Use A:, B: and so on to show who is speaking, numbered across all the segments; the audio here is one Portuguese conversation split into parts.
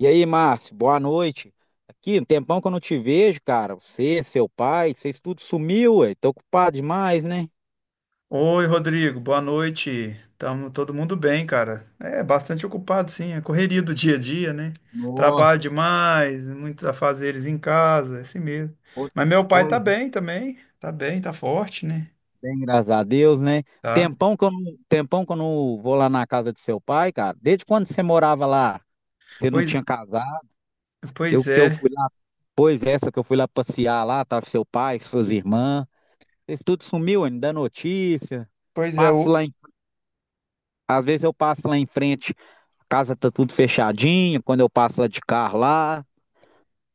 A: E aí, Márcio, boa noite. Aqui, um tempão que eu não te vejo, cara. Você, seu pai, vocês tudo sumiu, ué. Tô ocupado demais, né?
B: Oi, Rodrigo, boa noite. Tamo todo mundo bem, cara. É bastante ocupado, sim. É correria do dia a dia, né? Trabalho
A: Nossa,
B: demais, muitos afazeres em casa, é assim mesmo.
A: pois
B: Mas meu pai
A: pois
B: tá
A: é.
B: bem também. Tá bem, tá forte, né?
A: Bem, graças a Deus, né?
B: Tá.
A: Tempão que eu não vou lá na casa de seu pai, cara. Desde quando você morava lá? Você não
B: Pois,
A: tinha casado? Eu
B: pois
A: que eu
B: é.
A: fui lá, pois essa que eu fui lá passear lá, tava seu pai, suas irmãs. Vocês tudo sumiu, ué, não dá notícia.
B: Pois é, o,
A: Passo lá em, às vezes eu passo lá em frente. Casa tá tudo fechadinho, quando eu passo lá de carro lá,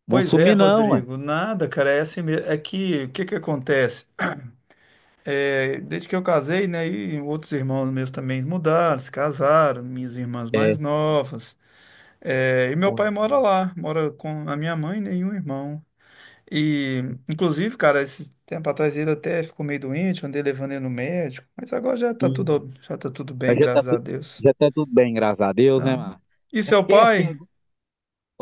A: vão
B: pois é,
A: sumir não, ué.
B: Rodrigo. Nada, cara, é assim mesmo. É que, o que que acontece? É, desde que eu casei, né? E outros irmãos meus também mudaram, se casaram, minhas irmãs
A: É.
B: mais novas. É, e meu
A: Pois
B: pai mora
A: é.
B: lá, mora com a minha mãe, né, e um irmão. E, inclusive, cara, esse tempo atrás ele até ficou meio doente, andei levando ele no médico, mas agora
A: Hum.
B: já tá tudo bem,
A: Mas já tá
B: graças a
A: tudo,
B: Deus.
A: já tá tudo bem, graças a Deus, né,
B: Tá?
A: mano?
B: E
A: É
B: seu
A: porque assim,
B: pai?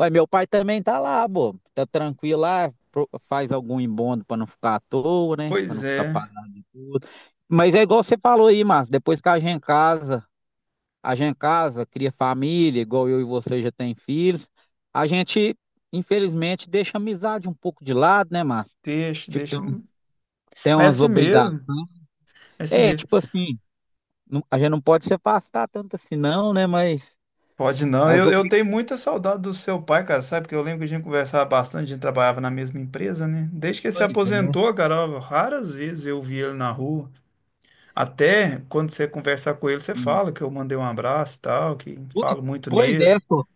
A: ué, meu pai também tá lá, pô, tá tranquilo lá, faz algum embondo pra não ficar à toa, né, pra
B: Pois
A: não ficar
B: é,
A: parado de tudo. Mas é igual você falou aí, Márcio, depois que a gente casa, cria família, igual eu e você já tem filhos, a gente, infelizmente, deixa a amizade um pouco de lado, né, Márcio?
B: deixa,
A: Tipo, tem
B: deixa.
A: um Tem
B: Mas é
A: umas
B: assim
A: obrigações.
B: mesmo, é assim
A: É,
B: mesmo.
A: tipo assim, a gente não pode se afastar tanto assim, não, né? Mas
B: Pode não,
A: as
B: eu tenho muita saudade do seu pai, cara, sabe? Porque eu lembro que a gente conversava bastante, a gente trabalhava na mesma empresa, né? Desde que ele se
A: obrigações, né?
B: aposentou, cara, ó, raras vezes eu vi ele na rua. Até quando você conversar com ele, você
A: Hum.
B: fala que eu mandei um abraço e tal, que
A: Pois,
B: falo muito
A: pois
B: nele.
A: é, pô.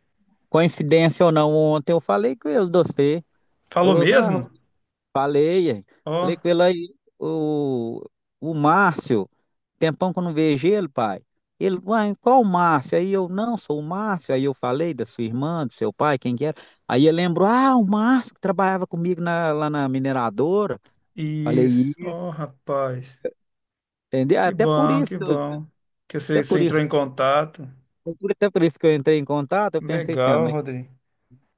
A: Coincidência ou não, ontem eu falei com ele, você.
B: Falou
A: Falou, assim, ah,
B: mesmo?
A: Rodrigo, falei, aí.
B: Ó,
A: Falei com ele aí, o Márcio, tempão que eu não vejo ele, pai. Ele, uai, qual o Márcio? Aí eu, não, sou o Márcio. Aí eu falei da sua irmã, do seu pai, quem que era. Aí ele lembrou, ah, o Márcio que trabalhava comigo lá na mineradora. Falei
B: isso. Ó, rapaz.
A: Entendeu?
B: Que
A: Até por
B: bom,
A: isso,
B: que
A: que eu-
B: bom. Que
A: até
B: você, você
A: por isso,
B: entrou em contato.
A: até por isso que eu entrei em contato, eu pensei assim, ó,
B: Legal,
A: mas
B: Rodrigo.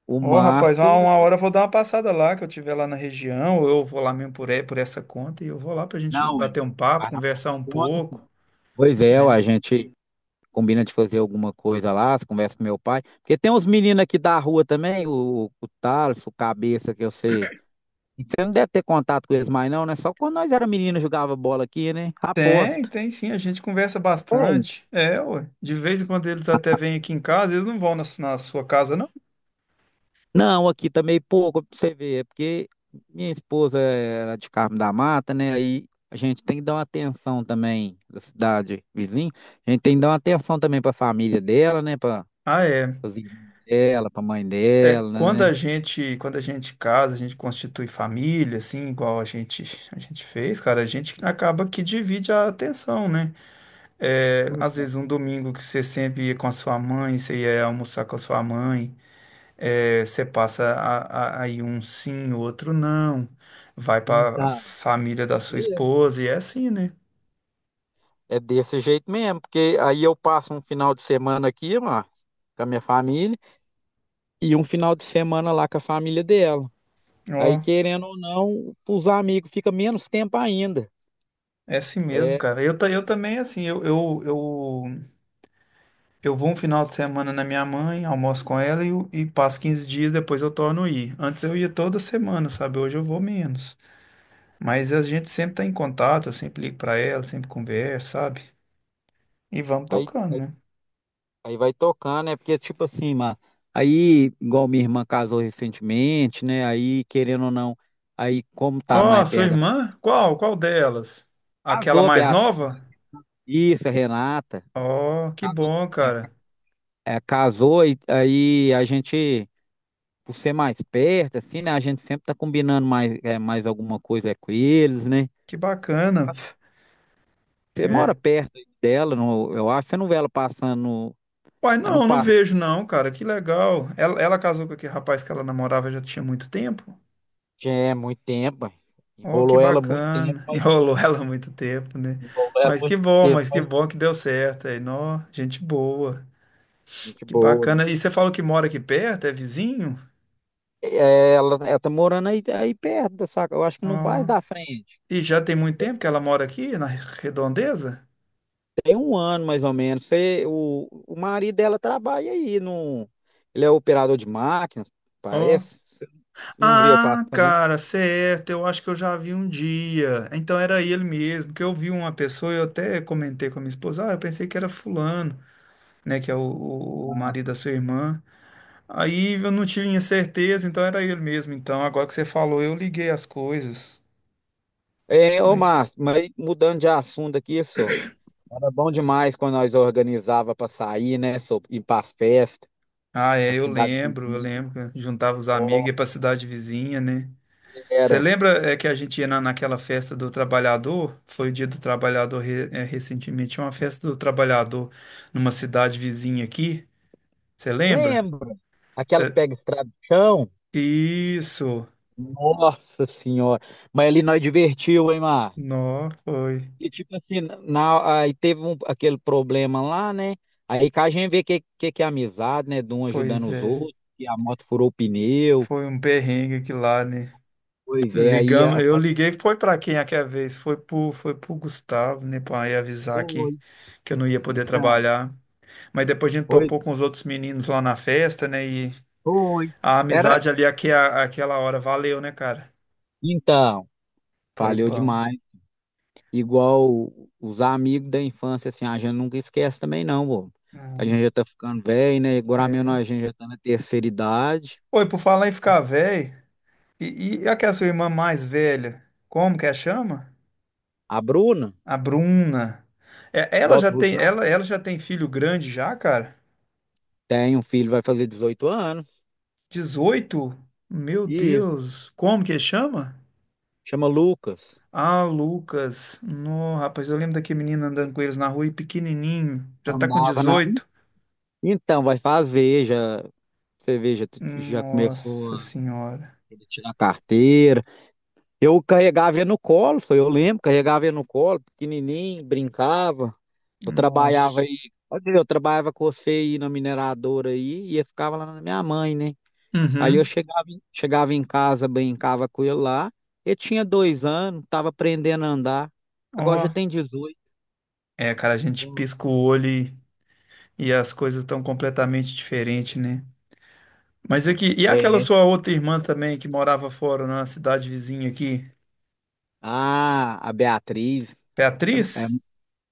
A: o
B: Ó, rapaz,
A: Márcio,
B: uma hora eu vou dar uma passada lá, que eu estiver lá na região, ou eu vou lá mesmo por, por essa conta, e eu vou lá pra gente
A: não,
B: bater
A: hein?
B: um papo,
A: Vai lá pra
B: conversar
A: essa
B: um
A: conta.
B: pouco,
A: Pois é, ó,
B: né?
A: a gente combina de fazer alguma coisa lá, conversa com meu pai, porque tem uns meninos aqui da rua também, o Thales, o Cabeça, que eu sei. Você não deve ter contato com eles mais não, né? Só quando nós era menino jogava bola aqui, né?
B: Tem,
A: Aposto.
B: tem sim, a gente conversa bastante. É, ué. De vez em quando eles até vêm aqui em casa, eles não vão na sua casa, não.
A: Não, aqui também pouco, pra você ver, é porque minha esposa era de Carmo da Mata, né? Aí a gente tem que dar uma atenção também da cidade vizinha. A gente tem que dar uma atenção também para a família dela, né? Para
B: Ah, é.
A: pras irmãs dela, para a mãe
B: É,
A: dela, né?
B: quando a gente casa, a gente constitui família, assim, a gente fez, cara, a gente acaba que divide a atenção, né? É,
A: Sim,
B: às vezes um domingo que você sempre ia com a sua mãe, você ia almoçar com a sua mãe, é, você passa aí um sim, outro não, vai
A: sim,
B: para a
A: tá.
B: família da sua
A: Mesmo.
B: esposa, e é assim, né?
A: É desse jeito mesmo, porque aí eu passo um final de semana aqui, ó, com a minha família, e um final de semana lá com a família dela. Aí,
B: Ó.
A: querendo ou não, os amigos fica menos tempo ainda.
B: É assim mesmo,
A: É.
B: cara. Eu também, assim, eu vou um final de semana na minha mãe, almoço com ela e passo 15 dias, depois eu torno a ir. Antes eu ia toda semana, sabe? Hoje eu vou menos. Mas a gente sempre tá em contato, eu sempre ligo pra ela, sempre converso, sabe? E vamos
A: aí
B: tocando, né?
A: Aí vai tocando, né? Porque, tipo assim, mano, aí, igual minha irmã casou recentemente, né? Aí, querendo ou não, aí, como tá
B: Ó,
A: mais
B: sua
A: perto da.
B: irmã? Qual? Qual delas? Aquela
A: Casou,
B: mais
A: Beata.
B: nova?
A: Isso, a Renata.
B: Ó, que
A: Casou.
B: bom,
A: É,
B: cara.
A: é, casou, e aí a gente, por ser mais perto, assim, né? A gente sempre tá combinando mais alguma coisa com eles, né?
B: Que bacana.
A: Acho que você mora
B: É,
A: perto aí dela, eu acho que você não vê ela passando.
B: uai,
A: Ela não
B: não, não
A: passa.
B: vejo não, cara. Que legal. Ela casou com aquele rapaz que ela namorava já tinha muito tempo?
A: Já. É, muito tempo, ué.
B: Oh, que
A: enrolou ela muito tempo,
B: bacana.
A: mas
B: Enrolou ela há muito tempo, né?
A: enrolou ela muito tempo.
B: Mas que bom que deu certo. Aí, nó, gente boa.
A: Gente
B: Que
A: boa.
B: bacana. E você falou que mora aqui perto, é vizinho?
A: É, ela tá morando aí, perto, saca? Eu acho que
B: Ó.
A: no bairro da frente.
B: E já tem muito tempo que ela mora aqui, na Redondeza?
A: Tem um ano, mais ou menos. O marido dela trabalha aí. No, ele é operador de máquinas,
B: Ó.
A: parece. Você não vê
B: Ah,
A: passando.
B: cara, certo. Eu acho que eu já vi um dia. Então era ele mesmo, que eu vi uma pessoa e eu até comentei com a minha esposa, ah, eu pensei que era fulano. Né, que é marido da sua irmã. Aí eu não tinha certeza, então era ele mesmo. Então, agora que você falou, eu liguei as coisas.
A: É, ô
B: Né?
A: Márcio, mas mudando de assunto aqui, só. Era bom demais quando nós organizava para sair, né? Só, ir para as festas,
B: Ah,
A: a
B: é, eu
A: cidade
B: lembro, eu
A: vizinha.
B: lembro. Que juntava os amigos,
A: Ó,
B: ia pra cidade vizinha, né? Você
A: era.
B: lembra é, que a gente ia naquela festa do trabalhador? Foi o dia do trabalhador é, recentemente, tinha uma festa do trabalhador numa cidade vizinha aqui. Você lembra?
A: Lembra? Aquela que
B: Cê-
A: pega estrada de chão?
B: Isso.
A: Nossa senhora. Mas ali nós divertiu, hein, Márcio?
B: Não, foi.
A: E tipo assim, aí teve aquele problema lá, né? Aí que a gente vê que, que é amizade, né? De um ajudando
B: Pois
A: os
B: é.
A: outros, que a moto furou o pneu.
B: Foi um perrengue aqui lá, né?
A: Pois é, aí a...
B: Ligamos, eu liguei, foi para quem aquela vez? Foi pro Gustavo, né, para avisar
A: Foi,
B: que eu não ia poder
A: então,
B: trabalhar. Mas depois a gente
A: foi,
B: topou com os outros meninos lá na festa, né, e
A: foi.
B: a
A: Era,
B: amizade ali aquela hora valeu, né, cara?
A: então,
B: Foi
A: valeu
B: bom.
A: demais. Igual os amigos da infância, assim, a gente nunca esquece também, não, pô. A gente
B: Hum,
A: já tá ficando velho, né? Agora mesmo a
B: é.
A: gente já tá na terceira idade.
B: Oi, por falar em ficar velho, e aquela sua irmã mais velha, como que a chama?
A: A Bruna,
B: A Bruna. É,
A: do
B: ela já
A: Alto
B: tem,
A: Rosário.
B: ela já tem filho grande já, cara?
A: Tem um filho, vai fazer 18 anos.
B: 18? Meu
A: E
B: Deus, como que chama?
A: chama Lucas.
B: Ah, Lucas. No, rapaz, eu lembro daquele menino andando com eles na rua e pequenininho. Já tá com
A: Andava na.
B: 18.
A: Então, vai fazer, já. Você vê, já, já começou
B: Nossa
A: a
B: senhora.
A: ele tirar a carteira. Eu carregava ele no colo, foi, eu lembro, carregava ele no colo, pequenininho, brincava. Eu trabalhava
B: Nossa.
A: aí, olha, eu trabalhava com você aí na mineradora aí, e eu ficava lá na minha mãe, né? Aí eu
B: Uhum.
A: chegava em casa, brincava com ele lá. Ele tinha 2 anos, tava aprendendo a andar. Agora
B: Ó.
A: já tem 18.
B: É, cara, a gente
A: Ó.
B: pisca o olho e as coisas estão completamente diferentes, né? Mas aqui, e aquela
A: É,
B: sua outra irmã também que morava fora na cidade vizinha aqui?
A: ah, a Beatriz. É- é-
B: Beatriz?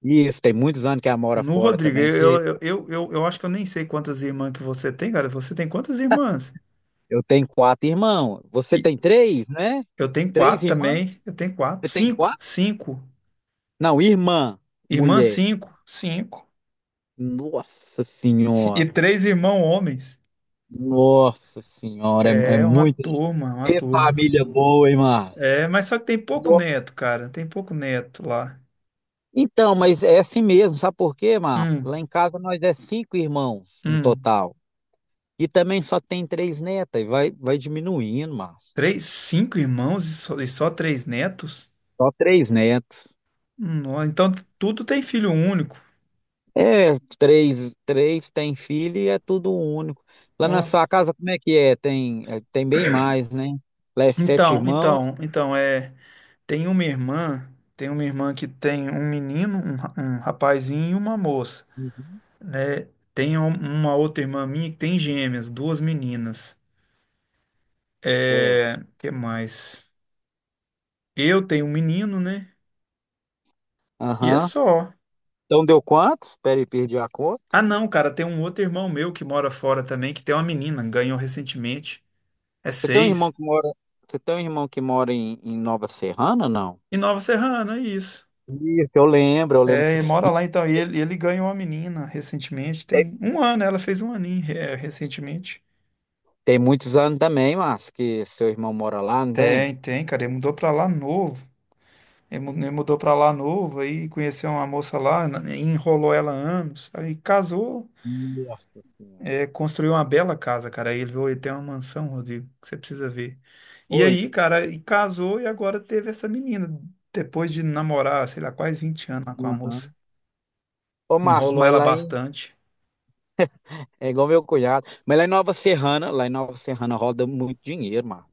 A: isso, tem muitos anos que ela mora
B: No
A: fora
B: Rodrigo,
A: também. Você-.
B: eu acho que eu nem sei quantas irmãs que você tem, cara. Você tem quantas irmãs?
A: Eu tenho quatro irmãos. Você tem três, né?
B: Eu tenho
A: Três
B: quatro
A: irmãs?
B: também. Eu tenho
A: Você
B: quatro.
A: tem
B: Cinco.
A: quatro?
B: Cinco.
A: Não, irmã,
B: Irmã,
A: mulher.
B: cinco. Cinco.
A: Nossa
B: E
A: Senhora.
B: três irmãos homens.
A: Nossa Senhora. É
B: É uma
A: muita
B: turma, uma turma.
A: família boa, hein, Márcio?
B: É, mas só que tem pouco
A: No-.
B: neto, cara. Tem pouco neto lá.
A: Então, mas é assim mesmo. Sabe por quê, Márcio? Lá
B: Um,
A: em casa nós é cinco irmãos no
B: um.
A: total. E também só tem três netas. E vai diminuindo, Márcio.
B: Três, cinco irmãos e só três netos?
A: Só três netos.
B: Ó, então tudo tem filho único.
A: É, três, três tem filho e é tudo único. Lá na
B: Ó.
A: sua casa, como é que é? Tem bem mais, né? Lá é sete
B: Então,
A: irmãos.
B: então, então, é. Tem uma irmã. Tem uma irmã que tem um menino, um rapazinho e uma moça.
A: Uhum.
B: Né? Tem um- uma outra irmã minha que tem gêmeas, duas meninas.
A: É.
B: É, que mais? Eu tenho um menino, né? E é
A: Aham.
B: só.
A: Então deu quantos? Espera aí, perdi a conta.
B: Ah, não, cara, tem um outro irmão meu que mora fora também, que tem uma menina, ganhou recentemente. É
A: Você tem um irmão
B: seis.
A: que mora, Você tem um irmão que mora em Nova Serrana, não?
B: E Nova Serrana, é isso.
A: Isso, eu lembro, eu lembro.
B: É, ele mora lá então. E ele ganhou uma menina recentemente,
A: Tem,
B: tem um ano, ela fez um aninho, é, recentemente.
A: tem muitos anos também, mas que seu irmão mora lá, não tem?
B: Tem, tem, cara, ele mudou pra lá novo. Ele mudou pra lá novo, aí conheceu uma moça lá, enrolou ela anos, aí casou,
A: Nossa Senhora.
B: é, construiu uma bela casa, cara. Aí ele veio ter uma mansão, Rodrigo, que você precisa ver. E
A: Oi.
B: aí, cara, e casou e agora teve essa menina, depois de namorar, sei lá, quase 20 anos lá com a moça.
A: Aham. Ô, Márcio,
B: Enrolou
A: mas
B: ela
A: lá em.
B: bastante.
A: É igual meu cunhado. Mas lá em Nova Serrana roda muito dinheiro, mano.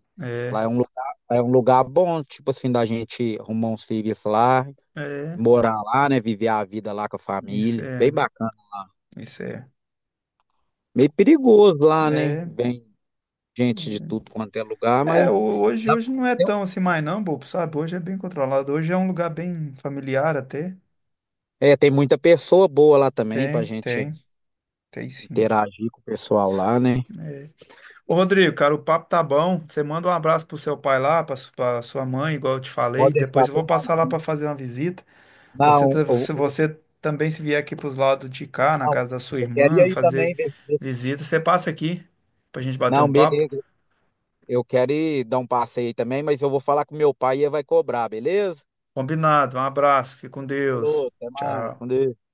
A: Lá é
B: É,
A: um lugar, lá é um lugar bom, tipo assim, da gente arrumar um serviço lá,
B: é,
A: morar lá, né? Viver a vida lá com a
B: isso
A: família. Bem
B: é,
A: bacana.
B: isso é.
A: Meio perigoso lá, né?
B: É,
A: Vem gente de tudo quanto é lugar,
B: é,
A: mas
B: hoje,
A: dá pra
B: hoje não é
A: ter
B: tão assim mais não, bobo, sabe? Hoje é bem controlado. Hoje é um lugar bem familiar até.
A: tem muita pessoa boa lá também pra
B: Tem,
A: gente
B: tem. Tem sim.
A: interagir com o pessoal lá, né?
B: Ô, Rodrigo, cara, o papo tá bom. Você manda um abraço pro seu pai lá, pra sua mãe, igual eu te falei.
A: Pode deixar,
B: Depois eu vou
A: tô
B: passar lá pra
A: mandando.
B: fazer uma visita.
A: Não, eu,
B: Se
A: eu-
B: você também se vier aqui pros lados de cá, na
A: não,
B: casa da sua
A: eu queria
B: irmã,
A: ir
B: fazer
A: também. Ver- ver-.
B: visita, você passa aqui pra gente bater um
A: Não,
B: papo.
A: beleza. Eu quero ir dar um passeio também, mas eu vou falar com meu pai e ele vai cobrar, beleza?
B: Combinado. Um abraço. Fique com Deus.
A: Falou, até mais. Com
B: Tchau.
A: Deus.